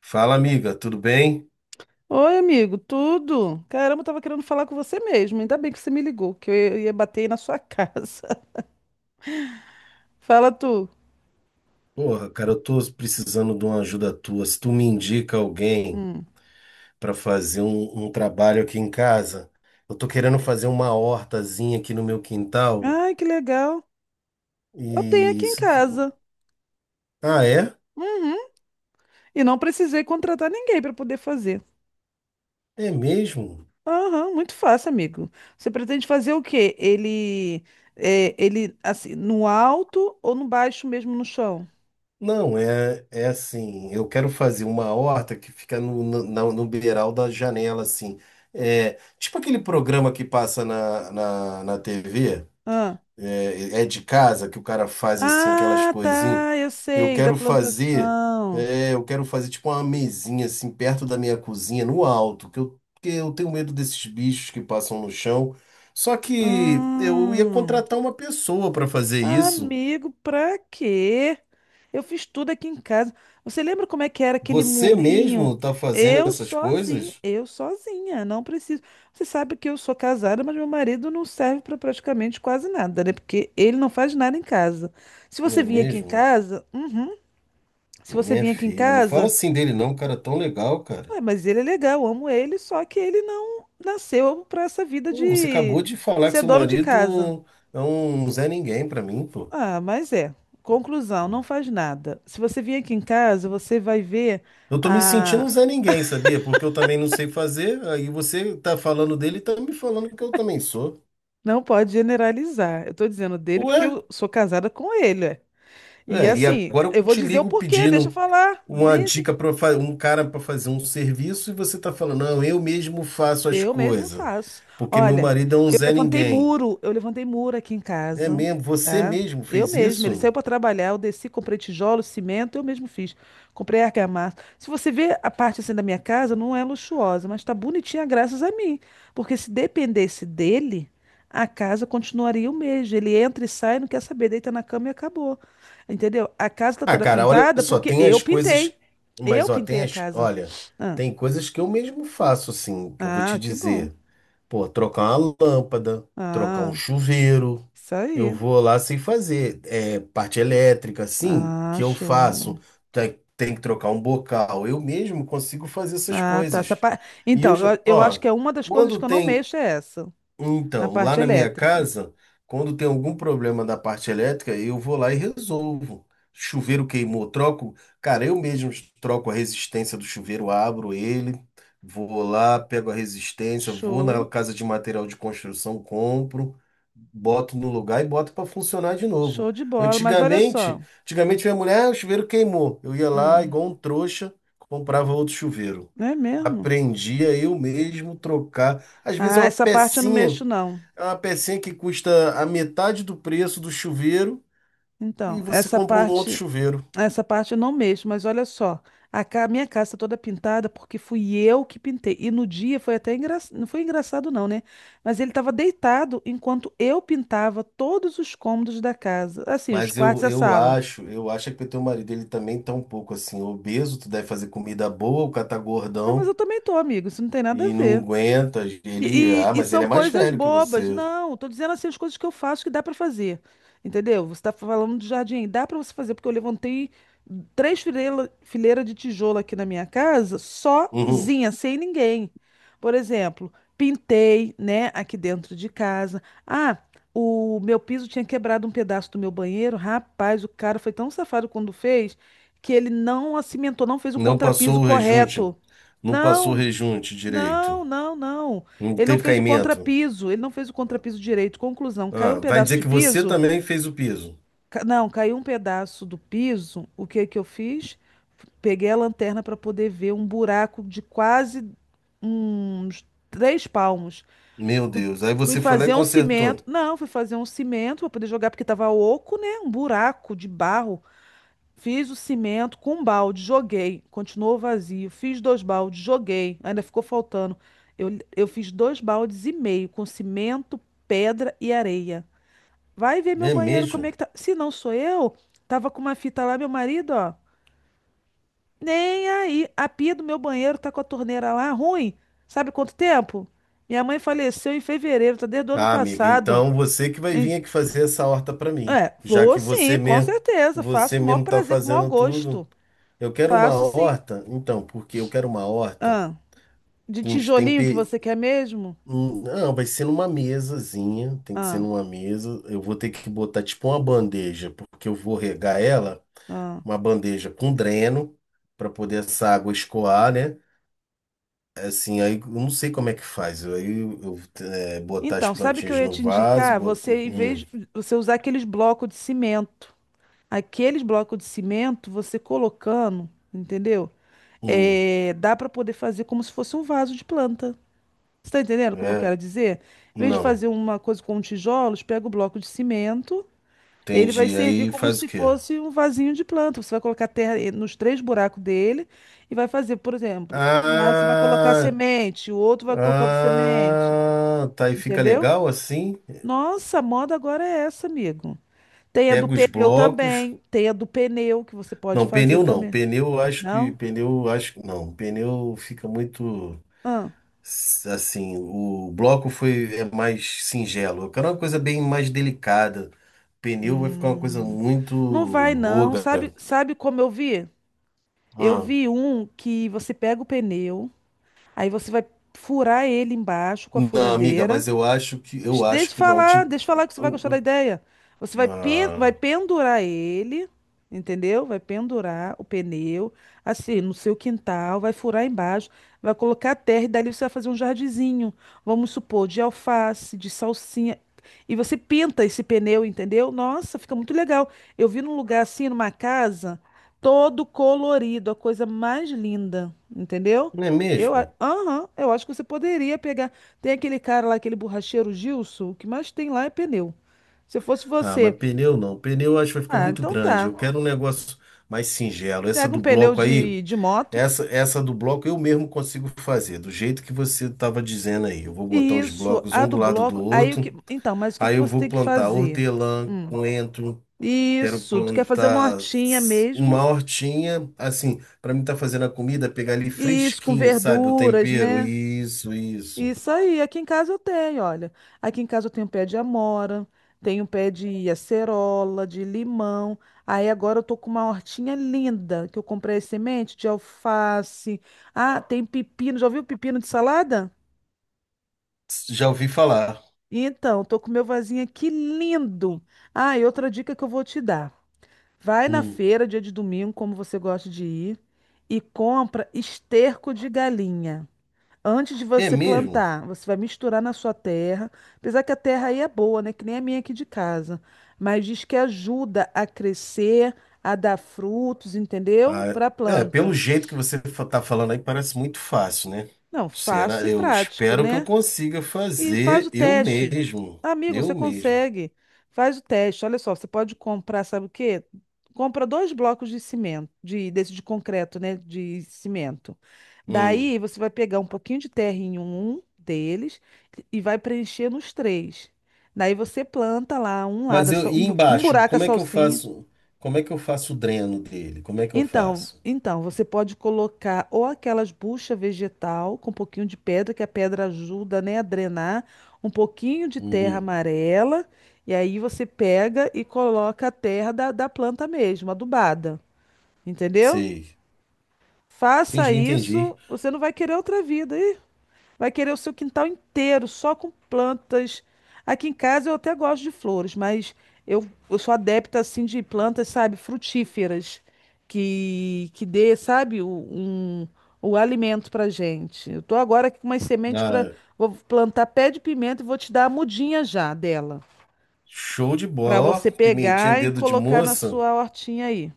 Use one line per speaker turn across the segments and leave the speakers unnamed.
Fala, amiga, tudo bem?
Oi, amigo, tudo? Caramba, eu tava querendo falar com você mesmo. Ainda bem que você me ligou, que eu ia bater aí na sua casa. Fala tu.
Porra, cara, eu tô precisando de uma ajuda tua. Se tu me indica alguém
Hum.
para fazer um trabalho aqui em casa, eu tô querendo fazer uma hortazinha aqui no meu quintal
Ai, que legal. Eu tenho aqui
e...
em
se
casa.
tu- Ah, é?
Uhum. E não precisei contratar ninguém para poder fazer.
É mesmo?
Aham, muito fácil, amigo. Você pretende fazer o quê? Ele, assim, no alto ou no baixo mesmo no chão?
Não, é assim, eu quero fazer uma horta que fica no beiral da janela, assim. É, tipo aquele programa que passa na TV.
Ah,
É, é de casa que o cara faz assim aquelas
ah,
coisinhas.
tá, eu
Eu
sei, da
quero fazer,
plantação.
eu quero fazer tipo uma mesinha assim perto da minha cozinha, no alto, porque eu tenho medo desses bichos que passam no chão. Só que eu ia
Hum.
contratar uma pessoa para fazer isso.
Amigo, pra quê? Eu fiz tudo aqui em casa. Você lembra como é que era aquele
Você
murinho?
mesmo tá fazendo essas coisas?
Eu sozinha, não preciso. Você sabe que eu sou casada, mas meu marido não serve para praticamente quase nada, né? Porque ele não faz nada em casa. Se
Não
você
é
vir aqui em
mesmo?
casa, uhum, se você
Minha
vir aqui em
filha, não fala
casa,
assim dele não, um cara é tão legal, cara.
ué, mas ele é legal, eu amo ele, só que ele não nasceu para essa vida
Pô, você
de
acabou de falar que
ser
seu
dono de casa.
marido é um Zé Ninguém pra mim, pô.
Ah, mas é. Conclusão, não faz nada. Se você vir aqui em casa, você vai ver
Eu tô me sentindo
a.
um Zé Ninguém, sabia? Porque eu também não sei fazer, aí você tá falando dele e tá me falando que eu também sou.
Não pode generalizar. Eu tô dizendo dele porque
Ué?
eu sou casada com ele. É. E
É, e
assim,
agora eu
eu vou
te
dizer o
ligo
porquê, deixa eu
pedindo
falar.
uma
Deixa
dica para um cara para fazer um serviço e você tá falando, não, eu mesmo faço as
Eu mesmo
coisas,
faço.
porque meu
Olha,
marido é um Zé Ninguém.
eu levantei muro aqui em
É
casa,
mesmo? Você
tá?
mesmo
Eu
fez
mesmo. Ele saiu
isso?
para trabalhar, eu desci, comprei tijolo, cimento, eu mesmo fiz. Comprei argamassa. Se você vê a parte assim da minha casa, não é luxuosa, mas tá bonitinha graças a mim. Porque se dependesse dele, a casa continuaria o mesmo. Ele entra e sai, não quer saber, deita na cama e acabou. Entendeu? A casa tá
Ah,
toda
cara, olha
pintada
só,
porque
tem
eu
as
pintei.
coisas,
Eu
mas ó, tem
pintei a
as,
casa.
olha,
Ah,
tem coisas que eu mesmo faço, assim, que eu vou
ah,
te
que bom.
dizer. Pô, trocar uma lâmpada, trocar um
Ah.
chuveiro,
Isso
eu
aí.
vou lá sem fazer. É, parte elétrica, assim, que eu
Acho.
faço. Tem que trocar um bocal. Eu mesmo consigo fazer essas
Ah, tá.
coisas. E eu,
Então,
já-
eu acho
ó,
que é uma das coisas
Quando
que eu não
tem
mexo é essa, na
então, lá
parte
na minha
elétrica.
casa, quando tem algum problema da parte elétrica, eu vou lá e resolvo. Chuveiro queimou, troco. Cara, eu mesmo troco a resistência do chuveiro, abro ele, vou lá, pego a resistência, vou na
Show,
casa de material de construção, compro, boto no lugar e boto para funcionar de novo.
show de bola. Mas olha só.
Antigamente, antigamente minha mulher, ah, o chuveiro queimou. Eu ia lá,
Hum,
igual um trouxa, comprava outro chuveiro.
não é mesmo?
Aprendi a eu mesmo trocar. Às vezes
Ah, essa parte eu não mexo, não.
é uma pecinha que custa a metade do preço do chuveiro e
Então,
você compra um outro chuveiro.
essa parte eu não mexo, mas olha só. Minha casa tá toda pintada porque fui eu que pintei. E no dia foi até engraçado. Não foi engraçado, não, né? Mas ele estava deitado enquanto eu pintava todos os cômodos da casa. Assim, os
Mas
quartos
eu,
e a
eu
sala.
acho, eu acho que o teu marido ele também tá um pouco assim obeso, tu deve fazer comida boa, o cara tá
Não, mas eu
gordão
também tô, amigo. Isso não tem nada a
e não
ver.
aguenta. Ele,
E,
ah,
e- e
mas ele
são
é mais
coisas
velho que
bobas.
você.
Não, tô dizendo assim as coisas que eu faço que dá pra fazer. Entendeu? Você tá falando de jardim, dá pra você fazer, porque eu levantei três fileira de tijolo aqui na minha casa,
Uhum.
sozinha, sem ninguém. Por exemplo, pintei, né, aqui dentro de casa. Ah, o meu piso tinha quebrado um pedaço do meu banheiro. Rapaz, o cara foi tão safado quando fez que ele não acimentou, não fez o
Não
contrapiso
passou o rejunte,
correto.
não passou o
Não,
rejunte direito.
não, não, não.
Não
Ele não
teve
fez o
caimento.
contrapiso. Ele não fez o contrapiso direito. Conclusão, caiu um
Ah, vai
pedaço
dizer
de
que você
piso?
também fez o piso.
Não, caiu um pedaço do piso. O que que eu fiz? Peguei a lanterna para poder ver um buraco de quase uns três palmos.
Meu
Fui,
Deus, aí
fui
você foi lá e
fazer um cimento.
consertou.
Não, fui fazer um cimento para poder jogar porque estava oco, né? Um buraco de barro. Fiz o cimento com um balde, joguei. Continuou vazio. Fiz dois baldes, joguei. Ainda ficou faltando. Eu, eu fiz dois baldes e meio com cimento, pedra e areia. Vai ver meu
É
banheiro como é
mesmo?
que tá. Se não sou eu, tava com uma fita lá, meu marido, ó. Nem aí. A pia do meu banheiro tá com a torneira lá, ruim. Sabe quanto tempo? Minha mãe faleceu em fevereiro, tá desde o ano
Ah, amiga,
passado.
então você que vai
Em-
vir aqui fazer essa horta para mim,
É,
já
vou
que
sim, com certeza. Faço
você
com o maior
mesmo tá
prazer, com o maior
fazendo
gosto.
tudo. Eu quero uma
Faço sim.
horta, então, porque eu quero uma horta
Ah. De
com os
tijolinho que
temper...
você quer mesmo?
Não, vai ser numa mesazinha, tem que ser
Ah,
numa mesa. Eu vou ter que botar tipo uma bandeja, porque eu vou regar ela,
ah.
uma bandeja com dreno para poder essa água escoar, né? Assim, aí eu não sei como é que faz. Aí botar as
Então, sabe o que eu
plantinhas
ia
no
te
vaso,
indicar?
botar
Você, em vez de você usar aqueles blocos de cimento, aqueles blocos de cimento, você colocando, entendeu? É, dá para poder fazer como se fosse um vaso de planta. Você está entendendo como eu
é,
quero dizer? Em vez de
não.
fazer uma coisa com tijolos, pega o bloco de cimento. Ele vai
Entendi.
servir
Aí
como
faz o
se
quê?
fosse um vasinho de planta. Você vai colocar terra e- nos três buracos dele e vai fazer, por exemplo, um lado você vai colocar
Ah,
semente, o outro vai colocar outra semente,
ah, tá. E fica
entendeu?
legal assim?
Nossa, a moda agora é essa, amigo. Tem a do
Pega os
pneu
blocos.
também, tem a do pneu que você pode
Não,
fazer
pneu não.
também.
Pneu, eu acho que.
Não?
Pneu, eu acho que. Não, pneu fica muito.
Ah,
Assim, o bloco foi é mais singelo. Eu quero uma coisa bem mais delicada. Pneu vai ficar uma coisa muito
não vai não. Sabe,
ogra.
sabe como eu vi? Eu
Ah,
vi um que você pega o pneu, aí você vai furar ele embaixo com a
não, amiga,
furadeira.
mas eu acho que. Eu acho que não. Tipo.
Deixa eu falar que você vai gostar da ideia. Você vai,
Não,
pen- vai
ah,
pendurar ele, entendeu? Vai pendurar o pneu, assim, no seu quintal, vai furar embaixo, vai colocar terra e dali você vai fazer um jardinzinho. Vamos supor, de alface, de salsinha. E você pinta esse pneu, entendeu? Nossa, fica muito legal. Eu vi num lugar assim, numa casa, todo colorido, a coisa mais linda, entendeu?
não é mesmo?
Aham, eu acho que você poderia pegar. Tem aquele cara lá, aquele borracheiro Gilson, o que mais tem lá é pneu. Se fosse
Ah, mas
você,
pneu não. Pneu eu acho que vai ficar
ah,
muito
então
grande.
tá.
Eu quero um negócio mais singelo. Essa
Pega um
do
pneu
bloco aí,
de, moto.
essa do bloco eu mesmo consigo fazer, do jeito que você estava dizendo aí. Eu vou botar
E
os
isso,
blocos
a
um do
do
lado do
bloco. Aí o que.
outro.
Então, mas o que que
Aí eu
você
vou
tem que
plantar
fazer?
hortelã,
Hum.
coentro, quero
Isso, tu quer fazer uma
plantar
hortinha mesmo?
uma hortinha, assim, para mim estar fazendo a comida, pegar ali
Isso, com
fresquinho, sabe? O
verduras,
tempero,
né?
isso, isso.
Isso aí, aqui em casa eu tenho, olha. Aqui em casa eu tenho pé de amora, tenho pé de acerola, de limão. Aí agora eu tô com uma hortinha linda que eu comprei as sementes de alface. Ah, tem pepino. Já ouviu pepino de salada?
Já ouvi falar.
Então, eu tô com meu vasinho aqui lindo. Ah, e outra dica que eu vou te dar. Vai na
Hum.
feira, dia de domingo, como você gosta de ir, e compra esterco de galinha. Antes de
É
você
mesmo?
plantar, você vai misturar na sua terra. Apesar que a terra aí é boa, né? Que nem a minha aqui de casa. Mas diz que ajuda a crescer, a dar frutos, entendeu?
Ah,
Para a
é, pelo
planta.
jeito que você tá falando aí, parece muito fácil, né?
Não, fácil
Será?
e
Eu
prático,
espero que eu
né?
consiga
E faz o
fazer eu
teste.
mesmo.
Amigo,
Eu
você
mesmo.
consegue. Faz o teste. Olha só, você pode comprar, sabe o quê? Compra dois blocos de cimento, de, desse de concreto, né? De cimento.
Hum.
Daí você vai pegar um pouquinho de terra em um deles e vai preencher nos três. Daí você planta lá um lado,
Mas eu, e
um
embaixo,
buraco a
como é que eu
salsinha.
faço? Como é que eu faço o dreno dele? Como é que eu
Então,
faço?
então, você pode colocar ou aquelas bucha vegetal com um pouquinho de pedra, que a pedra ajuda, né, a drenar, um pouquinho de terra
Uhum.
amarela, e aí você pega e coloca a terra da planta mesmo, adubada. Entendeu?
Sei.
Faça
Entendi, entendi.
isso, você não vai querer outra vida. Vai querer o seu quintal inteiro, só com plantas. Aqui em casa eu até gosto de flores, mas eu sou adepta assim de plantas, sabe, frutíferas, que dê, sabe, o, um, o alimento pra gente. Eu tô agora aqui com umas sementes para
Ah,
vou plantar pé de pimenta e vou te dar a mudinha já dela,
show de
pra
bola, ó.
você
Pimentinha,
pegar e
dedo de
colocar na
moça.
sua hortinha aí.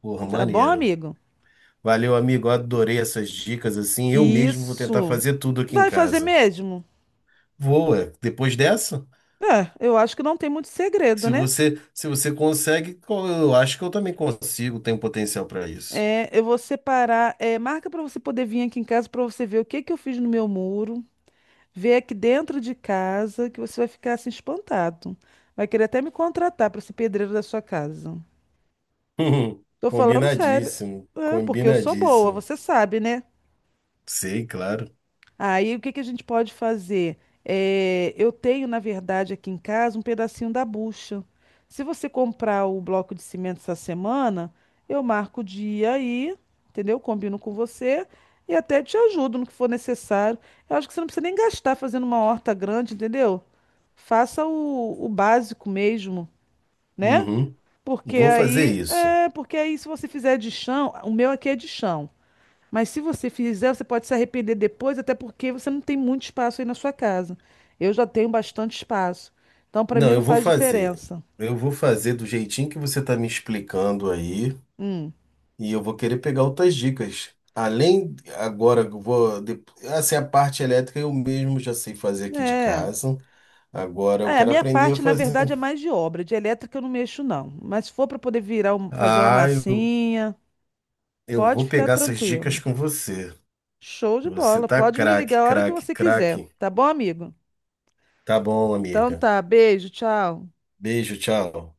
Porra,
Tá bom,
maneiro.
amigo?
Valeu, amigo. Adorei essas dicas assim. Eu mesmo vou tentar
Isso.
fazer tudo aqui em
Vai fazer
casa.
mesmo?
Vou, é. Depois dessa?
É, eu acho que não tem muito segredo,
Se
né?
você, se você consegue, eu acho que eu também consigo, tenho potencial para isso.
É, eu vou separar, é, marca para você poder vir aqui em casa para você ver o que que eu fiz no meu muro, ver aqui dentro de casa, que você vai ficar assim espantado. Vai querer até me contratar para ser pedreiro da sua casa. Tô falando sério,
Combinadíssimo,
é, porque eu sou boa,
combinadíssimo.
você sabe, né?
Sei, claro.
Aí o que que a gente pode fazer? É, eu tenho, na verdade, aqui em casa um pedacinho da bucha. Se você comprar o bloco de cimento essa semana, eu marco o dia aí, entendeu? Combino com você e até te ajudo no que for necessário. Eu acho que você não precisa nem gastar fazendo uma horta grande, entendeu? Faça o básico mesmo, né?
Uhum.
Porque
Vou fazer
aí,
isso.
é, porque aí se você fizer de chão, o meu aqui é de chão. Mas se você fizer, você pode se arrepender depois, até porque você não tem muito espaço aí na sua casa. Eu já tenho bastante espaço. Então, para mim,
Não,
não
eu vou
faz
fazer.
diferença.
Eu vou fazer do jeitinho que você está me explicando aí,
Hum.
e eu vou querer pegar outras dicas. Além, agora, assim, a parte elétrica eu mesmo já sei fazer aqui de
É.
casa. Agora eu
É, a
quero
minha
aprender a
parte, na
fazer.
verdade, é mais de obra. De elétrica eu não mexo, não. Mas se for para poder virar, fazer uma
Ah, eu,
massinha,
eu
pode
vou
ficar
pegar essas dicas
tranquilo.
com você.
Show de
Você
bola.
tá
Pode me
craque,
ligar a hora que
craque,
você quiser.
craque.
Tá bom, amigo?
Tá bom,
Então
amiga.
tá. Beijo, tchau.
Beijo, tchau.